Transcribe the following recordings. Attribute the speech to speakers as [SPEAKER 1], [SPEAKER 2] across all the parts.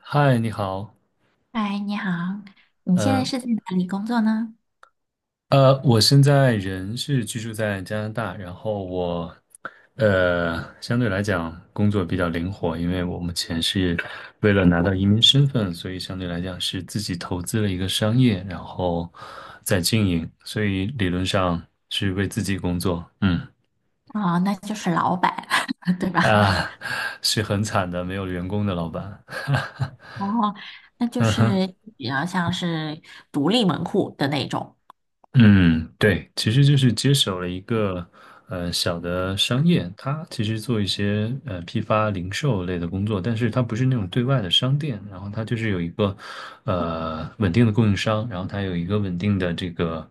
[SPEAKER 1] 嗨，你好。
[SPEAKER 2] 嗨，你好，你现在
[SPEAKER 1] 呃
[SPEAKER 2] 是在哪里工作呢？
[SPEAKER 1] 我现在人是居住在加拿大，然后我呃相对来讲工作比较灵活，因为我目前是为了拿到移民身份，所以相对来讲是自己投资了一个商业，然后在经营，所以理论上是为自己工作。嗯，
[SPEAKER 2] 哦，那就是老板，对吧？
[SPEAKER 1] 啊，是很惨的，没有员工的老板。
[SPEAKER 2] 哦，那就是比较像是独立门户的那种。
[SPEAKER 1] 嗯，对，其实就是接手了一个小的商业，它其实做一些批发零售类的工作，但是它不是那种对外的商店，然后它就是有一个稳定的供应商，然后它有一个稳定的这个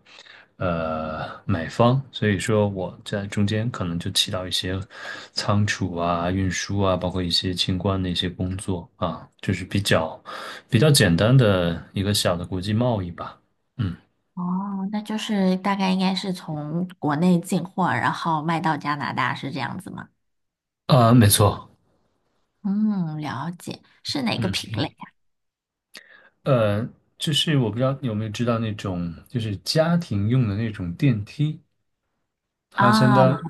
[SPEAKER 1] 买方，所以说我在中间可能就起到一些仓储啊、运输啊，包括一些清关的一些工作啊，就是比较简单的一个小的国际贸易吧。嗯，
[SPEAKER 2] 哦，那就是大概应该是从国内进货，然后卖到加拿大，是这样子吗？
[SPEAKER 1] 啊，没错。
[SPEAKER 2] 嗯，了解，是哪个
[SPEAKER 1] 嗯。
[SPEAKER 2] 品类
[SPEAKER 1] 呃，就是我不知道你有没有知道那种，就是家庭用的那种电梯，他相
[SPEAKER 2] 啊？
[SPEAKER 1] 当
[SPEAKER 2] 哦，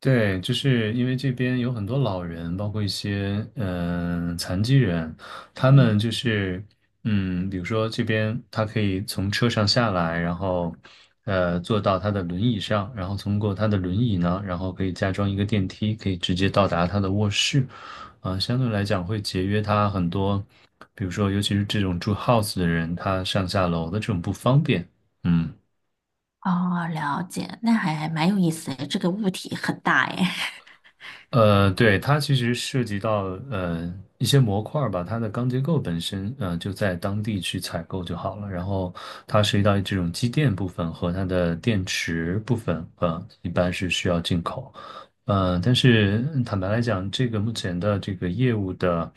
[SPEAKER 1] 对，就是因为这边有很多老人，包括一些嗯、残疾人，他
[SPEAKER 2] 嗯
[SPEAKER 1] 们就是嗯，比如说这边他可以从车上下来，然后坐到他的轮椅上，然后通过他的轮椅呢，然后可以加装一个电梯，可以直接到达他的卧室。啊、相对来讲会节约他很多，比如说尤其是这种住 house 的人，他上下楼的这种不方便。嗯。
[SPEAKER 2] 哦，了解，那还蛮有意思的，这个物体很大诶。
[SPEAKER 1] 对，它其实涉及到一些模块儿吧，它的钢结构本身就在当地去采购就好了。然后它涉及到这种机电部分和它的电池部分，一般是需要进口。但是嗯坦白来讲，这个目前的这个业务的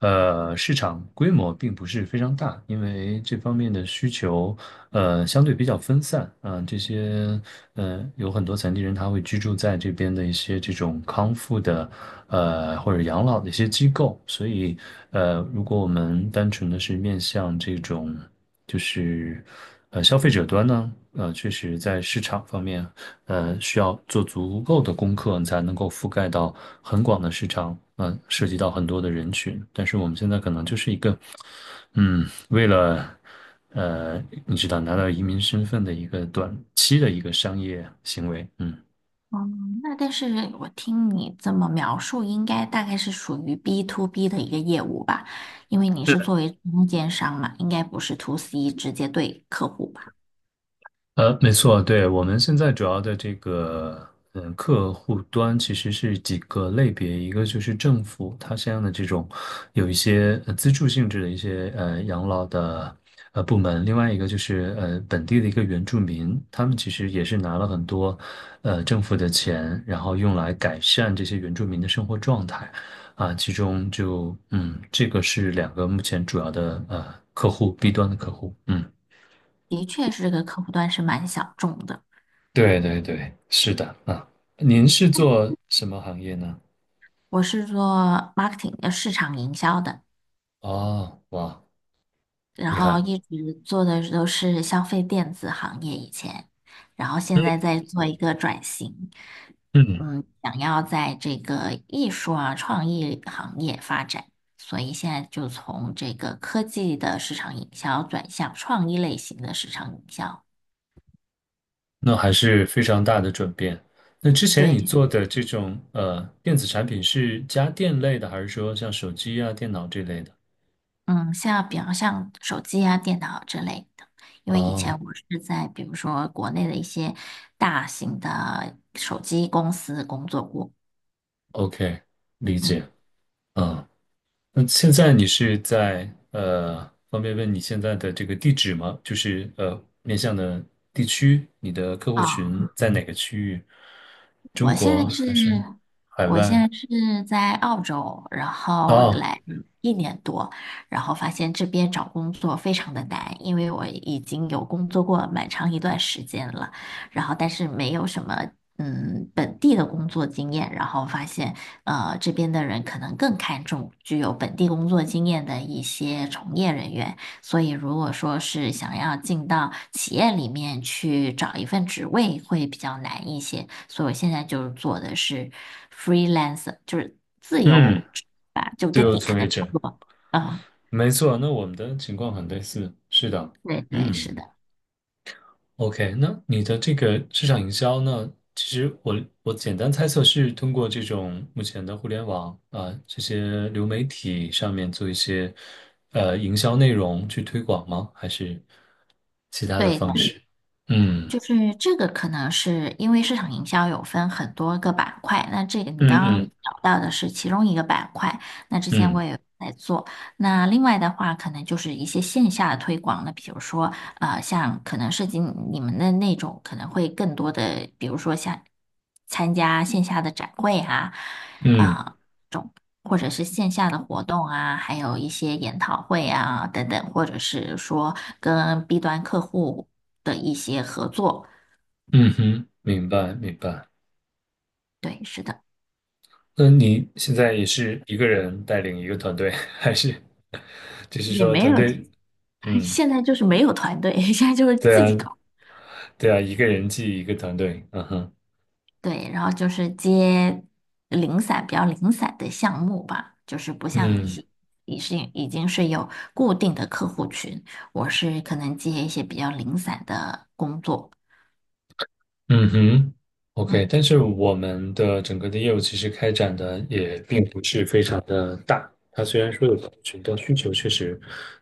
[SPEAKER 1] 市场规模并不是非常大，因为这方面的需求相对比较分散啊。这些嗯，有很多残疾人他会居住在这边的一些这种康复的或者养老的一些机构，所以如果我们单纯的是面向这种。就是消费者端呢，确实在市场方面，需要做足够的功课，你才能够覆盖到很广的市场，嗯、涉及到很多的人群。但是我们现在可能就是一个，嗯，为了你知道拿到移民身份的一个短期的一个商业行为，嗯。
[SPEAKER 2] 嗯，那但是我听你这么描述，应该大概是属于 B to B 的一个业务吧，因为你是作为中间商嘛，应该不是 to C 直接对客户吧？
[SPEAKER 1] 没错，对，我们现在主要的这个，嗯，客户端其实是几个类别，一个就是政府它相应的这种有一些资助性质的一些养老的部门，另外一个就是本地的一个原住民，他们其实也是拿了很多政府的钱，然后用来改善这些原住民的生活状态。啊，其中就嗯，这个是两个目前主要的客户，B 端的客户，嗯。
[SPEAKER 2] 的确是这个客户端是蛮小众的。
[SPEAKER 1] 对对对，是的啊。您是做什么行业呢？
[SPEAKER 2] 我是做 marketing 的市场营销的，
[SPEAKER 1] 哦，哇，
[SPEAKER 2] 然
[SPEAKER 1] 厉
[SPEAKER 2] 后
[SPEAKER 1] 害。
[SPEAKER 2] 一直做的都是消费电子行业以前，然后现在在做一个转型，
[SPEAKER 1] 嗯，
[SPEAKER 2] 嗯，想要在这个艺术啊创意行业发展，所以现在就从这个科技的市场营销转向创意类型的市场营销。
[SPEAKER 1] 那还是非常大的转变。那之前你
[SPEAKER 2] 对，
[SPEAKER 1] 做的这种电子产品是家电类的，还是说像手机啊、电脑这类的？
[SPEAKER 2] 嗯，像比方像手机啊、电脑之类的，因为以
[SPEAKER 1] 哦
[SPEAKER 2] 前我是在比如说国内的一些大型的手机公司工作过，
[SPEAKER 1] ，OK，理
[SPEAKER 2] 嗯。
[SPEAKER 1] 解。嗯，那现在你是在方便问你现在的这个地址吗？就是面向的地区，你的客户
[SPEAKER 2] 啊。
[SPEAKER 1] 群在哪个区域？中
[SPEAKER 2] 我现在
[SPEAKER 1] 国
[SPEAKER 2] 是，
[SPEAKER 1] 还是海
[SPEAKER 2] 我现
[SPEAKER 1] 外？
[SPEAKER 2] 在是在澳洲，然后
[SPEAKER 1] 哦，
[SPEAKER 2] 来一年多，然后发现这边找工作非常的难，因为我已经有工作过蛮长一段时间了，然后但是没有什么嗯本地的工作经验，然后发现这边的人可能更看重具有本地工作经验的一些从业人员，所以，如果说是想要进到企业里面去找一份职位，会比较难一些。所以我现在就是做的是 freelancer，就是自
[SPEAKER 1] 嗯，
[SPEAKER 2] 由职吧，就
[SPEAKER 1] 自
[SPEAKER 2] 跟
[SPEAKER 1] 由
[SPEAKER 2] 你可
[SPEAKER 1] 从业
[SPEAKER 2] 能差
[SPEAKER 1] 者，
[SPEAKER 2] 不多。嗯，
[SPEAKER 1] 没错。那我们的情况很类似，是的，
[SPEAKER 2] 对对，是的，
[SPEAKER 1] 嗯。OK，那你的这个市场营销呢？其实我简单猜测是通过这种目前的互联网啊、这些流媒体上面做一些营销内容去推广吗？还是其他的方
[SPEAKER 2] 对。
[SPEAKER 1] 式？嗯
[SPEAKER 2] 就是这个可能是因为市场营销有分很多个板块，那这个你
[SPEAKER 1] 嗯
[SPEAKER 2] 刚刚
[SPEAKER 1] 嗯
[SPEAKER 2] 聊到的是其中一个板块，那之前我
[SPEAKER 1] 嗯
[SPEAKER 2] 也有在做。那另外的话，可能就是一些线下的推广，那比如说像可能涉及你们的那种，可能会更多的，比如说像参加线下的展会啊，
[SPEAKER 1] 嗯
[SPEAKER 2] 啊、或者是线下的活动啊，还有一些研讨会啊等等，或者是说跟 B 端客户的一些合作。
[SPEAKER 1] 嗯哼，明白明白。
[SPEAKER 2] 对，是的，
[SPEAKER 1] 那你现在也是一个人带领一个团队，还是就是
[SPEAKER 2] 也
[SPEAKER 1] 说
[SPEAKER 2] 没
[SPEAKER 1] 团
[SPEAKER 2] 有，
[SPEAKER 1] 队？嗯，
[SPEAKER 2] 现在就是没有团队，现在就是
[SPEAKER 1] 对
[SPEAKER 2] 自己
[SPEAKER 1] 啊
[SPEAKER 2] 搞。
[SPEAKER 1] 对啊，一个人记一个团队。嗯哼。
[SPEAKER 2] 对，然后就是接零散、比较零散的项目吧，就是不像你
[SPEAKER 1] 嗯
[SPEAKER 2] 是已经是有固定的客户群，我是可能接一些比较零散的工作。
[SPEAKER 1] 嗯哼，OK，
[SPEAKER 2] 嗯，
[SPEAKER 1] 但是我们的整个的业务其实开展的也并不是非常的大。它虽然说有客群，但需求确实，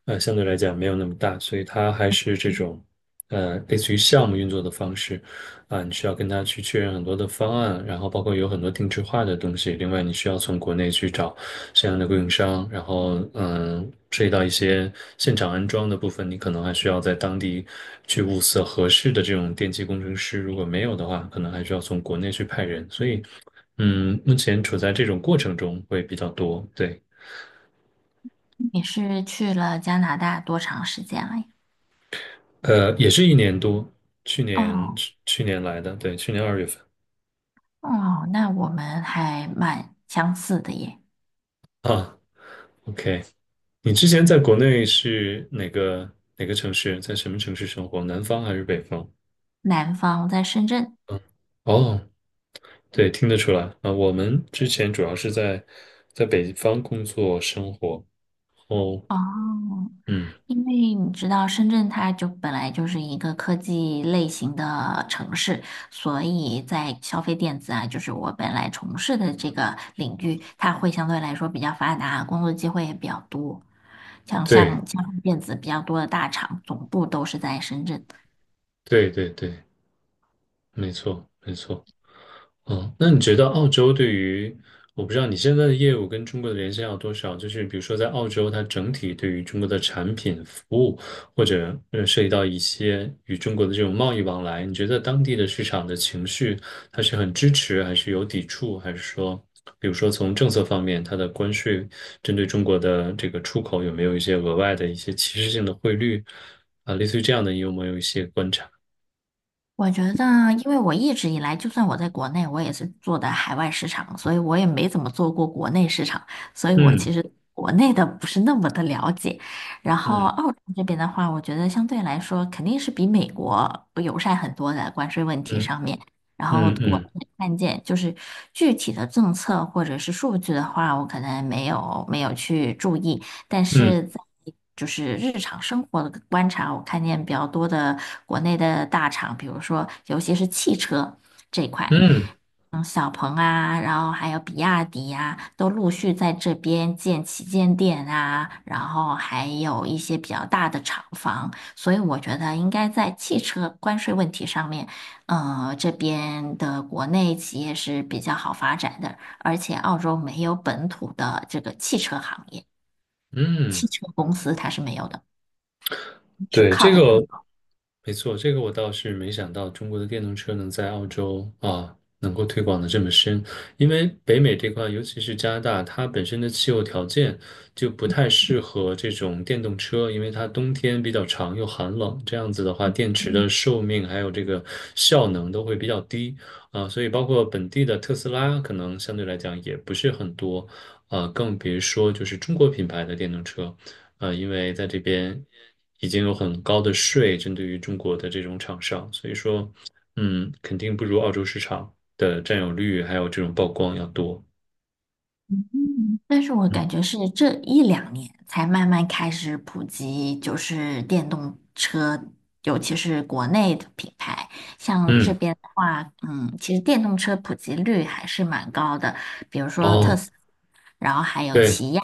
[SPEAKER 1] 相对来讲没有那么大，所以它还是这种，类似于项目运作的方式。啊，你需要跟他去确认很多的方案，然后包括有很多定制化的东西。另外，你需要从国内去找相应的供应商，然后嗯，涉及到一些现场安装的部分，你可能还需要在当地去物色合适的这种电气工程师。如果没有的话，可能还需要从国内去派人。所以嗯，目前处在这种过程中会比较多。对，
[SPEAKER 2] 你是去了加拿大多长时间了呀？
[SPEAKER 1] 也是一年多。
[SPEAKER 2] 哦。
[SPEAKER 1] 去年来的，对，去年二月份
[SPEAKER 2] 哦，那我们还蛮相似的耶。
[SPEAKER 1] 啊。OK。你之前在国内是哪个哪个城市，在什么城市生活？南方还是北方？
[SPEAKER 2] 南方在深圳。
[SPEAKER 1] 嗯，哦，对，听得出来啊。我们之前主要是在北方工作生活。哦，
[SPEAKER 2] 哦，
[SPEAKER 1] 嗯，
[SPEAKER 2] 因为你知道深圳它就本来就是一个科技类型的城市，所以在消费电子啊，就是我本来从事的这个领域，它会相对来说比较发达，工作机会也比较多。像
[SPEAKER 1] 对
[SPEAKER 2] 像像电子比较多的大厂，总部都是在深圳，
[SPEAKER 1] 对，没错没错。嗯，那你觉得澳洲对于，我不知道你现在的业务跟中国的联系要多少？就是比如说在澳洲，它整体对于中国的产品、服务，或者涉及到一些与中国的这种贸易往来，你觉得当地的市场的情绪，它是很支持，还是有抵触，还是说，比如说从政策方面，它的关税针对中国的这个出口有没有一些额外的一些歧视性的汇率啊，类似于这样的，你有没有一些观察？
[SPEAKER 2] 我觉得，因为我一直以来，就算我在国内，我也是做的海外市场，所以我也没怎么做过国内市场，所以我其实国内的不是那么的了解。然后
[SPEAKER 1] 嗯
[SPEAKER 2] 澳洲这边的话，我觉得相对来说肯定是比美国友善很多的关税问题
[SPEAKER 1] 嗯
[SPEAKER 2] 上面。然后
[SPEAKER 1] 嗯
[SPEAKER 2] 我
[SPEAKER 1] 嗯
[SPEAKER 2] 看见就是具体的政策或者是数据的话，我可能没有去注意。但
[SPEAKER 1] 嗯
[SPEAKER 2] 是在就是日常生活的观察，我看见比较多的国内的大厂，比如说尤其是汽车这一块，
[SPEAKER 1] 嗯嗯。嗯
[SPEAKER 2] 嗯，小鹏啊，然后还有比亚迪呀、啊都陆续在这边建旗舰店啊，然后还有一些比较大的厂房，所以我觉得应该在汽车关税问题上面，这边的国内企业是比较好发展的，而且澳洲没有本土的这个汽车行业。汽
[SPEAKER 1] 嗯，
[SPEAKER 2] 车公司它是没有的，只
[SPEAKER 1] 对，
[SPEAKER 2] 靠
[SPEAKER 1] 这
[SPEAKER 2] 的
[SPEAKER 1] 个
[SPEAKER 2] 进口。
[SPEAKER 1] 没错，这个我倒是没想到中国的电动车能在澳洲啊能够推广的这么深，因为北美这块，尤其是加拿大，它本身的气候条件就不太适合这种电动车，因为它冬天比较长又寒冷，这样子的话，电池的寿命还有这个效能都会比较低啊，所以包括本地的特斯拉，可能相对来讲也不是很多。啊，更别说就是中国品牌的电动车。因为在这边已经有很高的税针对于中国的这种厂商，所以说嗯，肯定不如澳洲市场的占有率还有这种曝光要多。
[SPEAKER 2] 但是我
[SPEAKER 1] 嗯，
[SPEAKER 2] 感觉是这一两年才慢慢开始普及，就是电动车，尤其是国内的品牌。像这
[SPEAKER 1] 嗯
[SPEAKER 2] 边的话，嗯，其实电动车普及率还是蛮高的，比如说
[SPEAKER 1] 哦，
[SPEAKER 2] 特斯拉，然后还有
[SPEAKER 1] 对，
[SPEAKER 2] 起亚。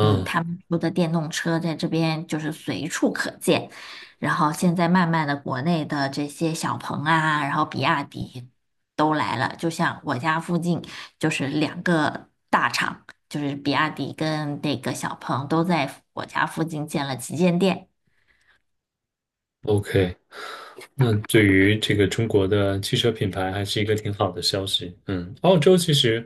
[SPEAKER 2] 嗯，他们说的电动车在这边就是随处可见，然后现在慢慢的国内的这些小鹏啊，然后比亚迪都来了，就像我家附近就是两个大厂，就是比亚迪跟那个小鹏都在我家附近建了旗舰店。
[SPEAKER 1] ，OK，那对于这个中国的汽车品牌还是一个挺好的消息。嗯，澳洲其实，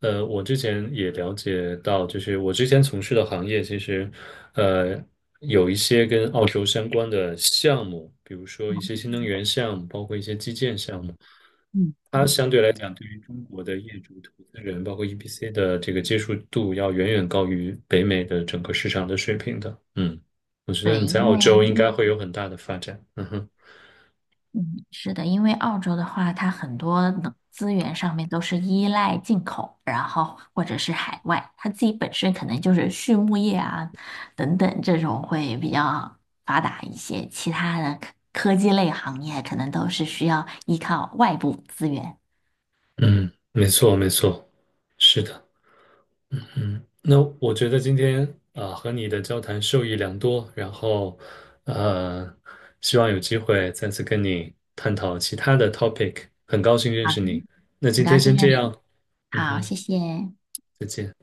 [SPEAKER 1] 我之前也了解到，就是我之前从事的行业，其实，呃，有一些跟澳洲相关的项目，比如说一些新能源项目，包括一些基建项目。
[SPEAKER 2] 嗯，
[SPEAKER 1] 它相对来讲，对于中国的业主、投资人，包括 EPC 的这个接受度，要远远高于北美的整个市场的水平的。嗯，我觉得
[SPEAKER 2] 对，
[SPEAKER 1] 你
[SPEAKER 2] 因
[SPEAKER 1] 在澳洲
[SPEAKER 2] 为
[SPEAKER 1] 应该会有很大的发展。嗯哼。
[SPEAKER 2] 嗯，是的，因为澳洲的话，它很多能资源上面都是依赖进口，然后或者是海外，它自己本身可能就是畜牧业啊等等这种会比较发达一些，其他的科技类行业可能都是需要依靠外部资源。
[SPEAKER 1] 嗯，没错，没错，是的，嗯，那我觉得今天啊、和你的交谈受益良多，然后呃，希望有机会再次跟你探讨其他的 topic，很高兴认
[SPEAKER 2] 好，
[SPEAKER 1] 识你。那
[SPEAKER 2] 很
[SPEAKER 1] 今
[SPEAKER 2] 高
[SPEAKER 1] 天
[SPEAKER 2] 兴
[SPEAKER 1] 先
[SPEAKER 2] 认
[SPEAKER 1] 这
[SPEAKER 2] 识你。
[SPEAKER 1] 样，嗯
[SPEAKER 2] 好，谢
[SPEAKER 1] 哼，
[SPEAKER 2] 谢。
[SPEAKER 1] 再见。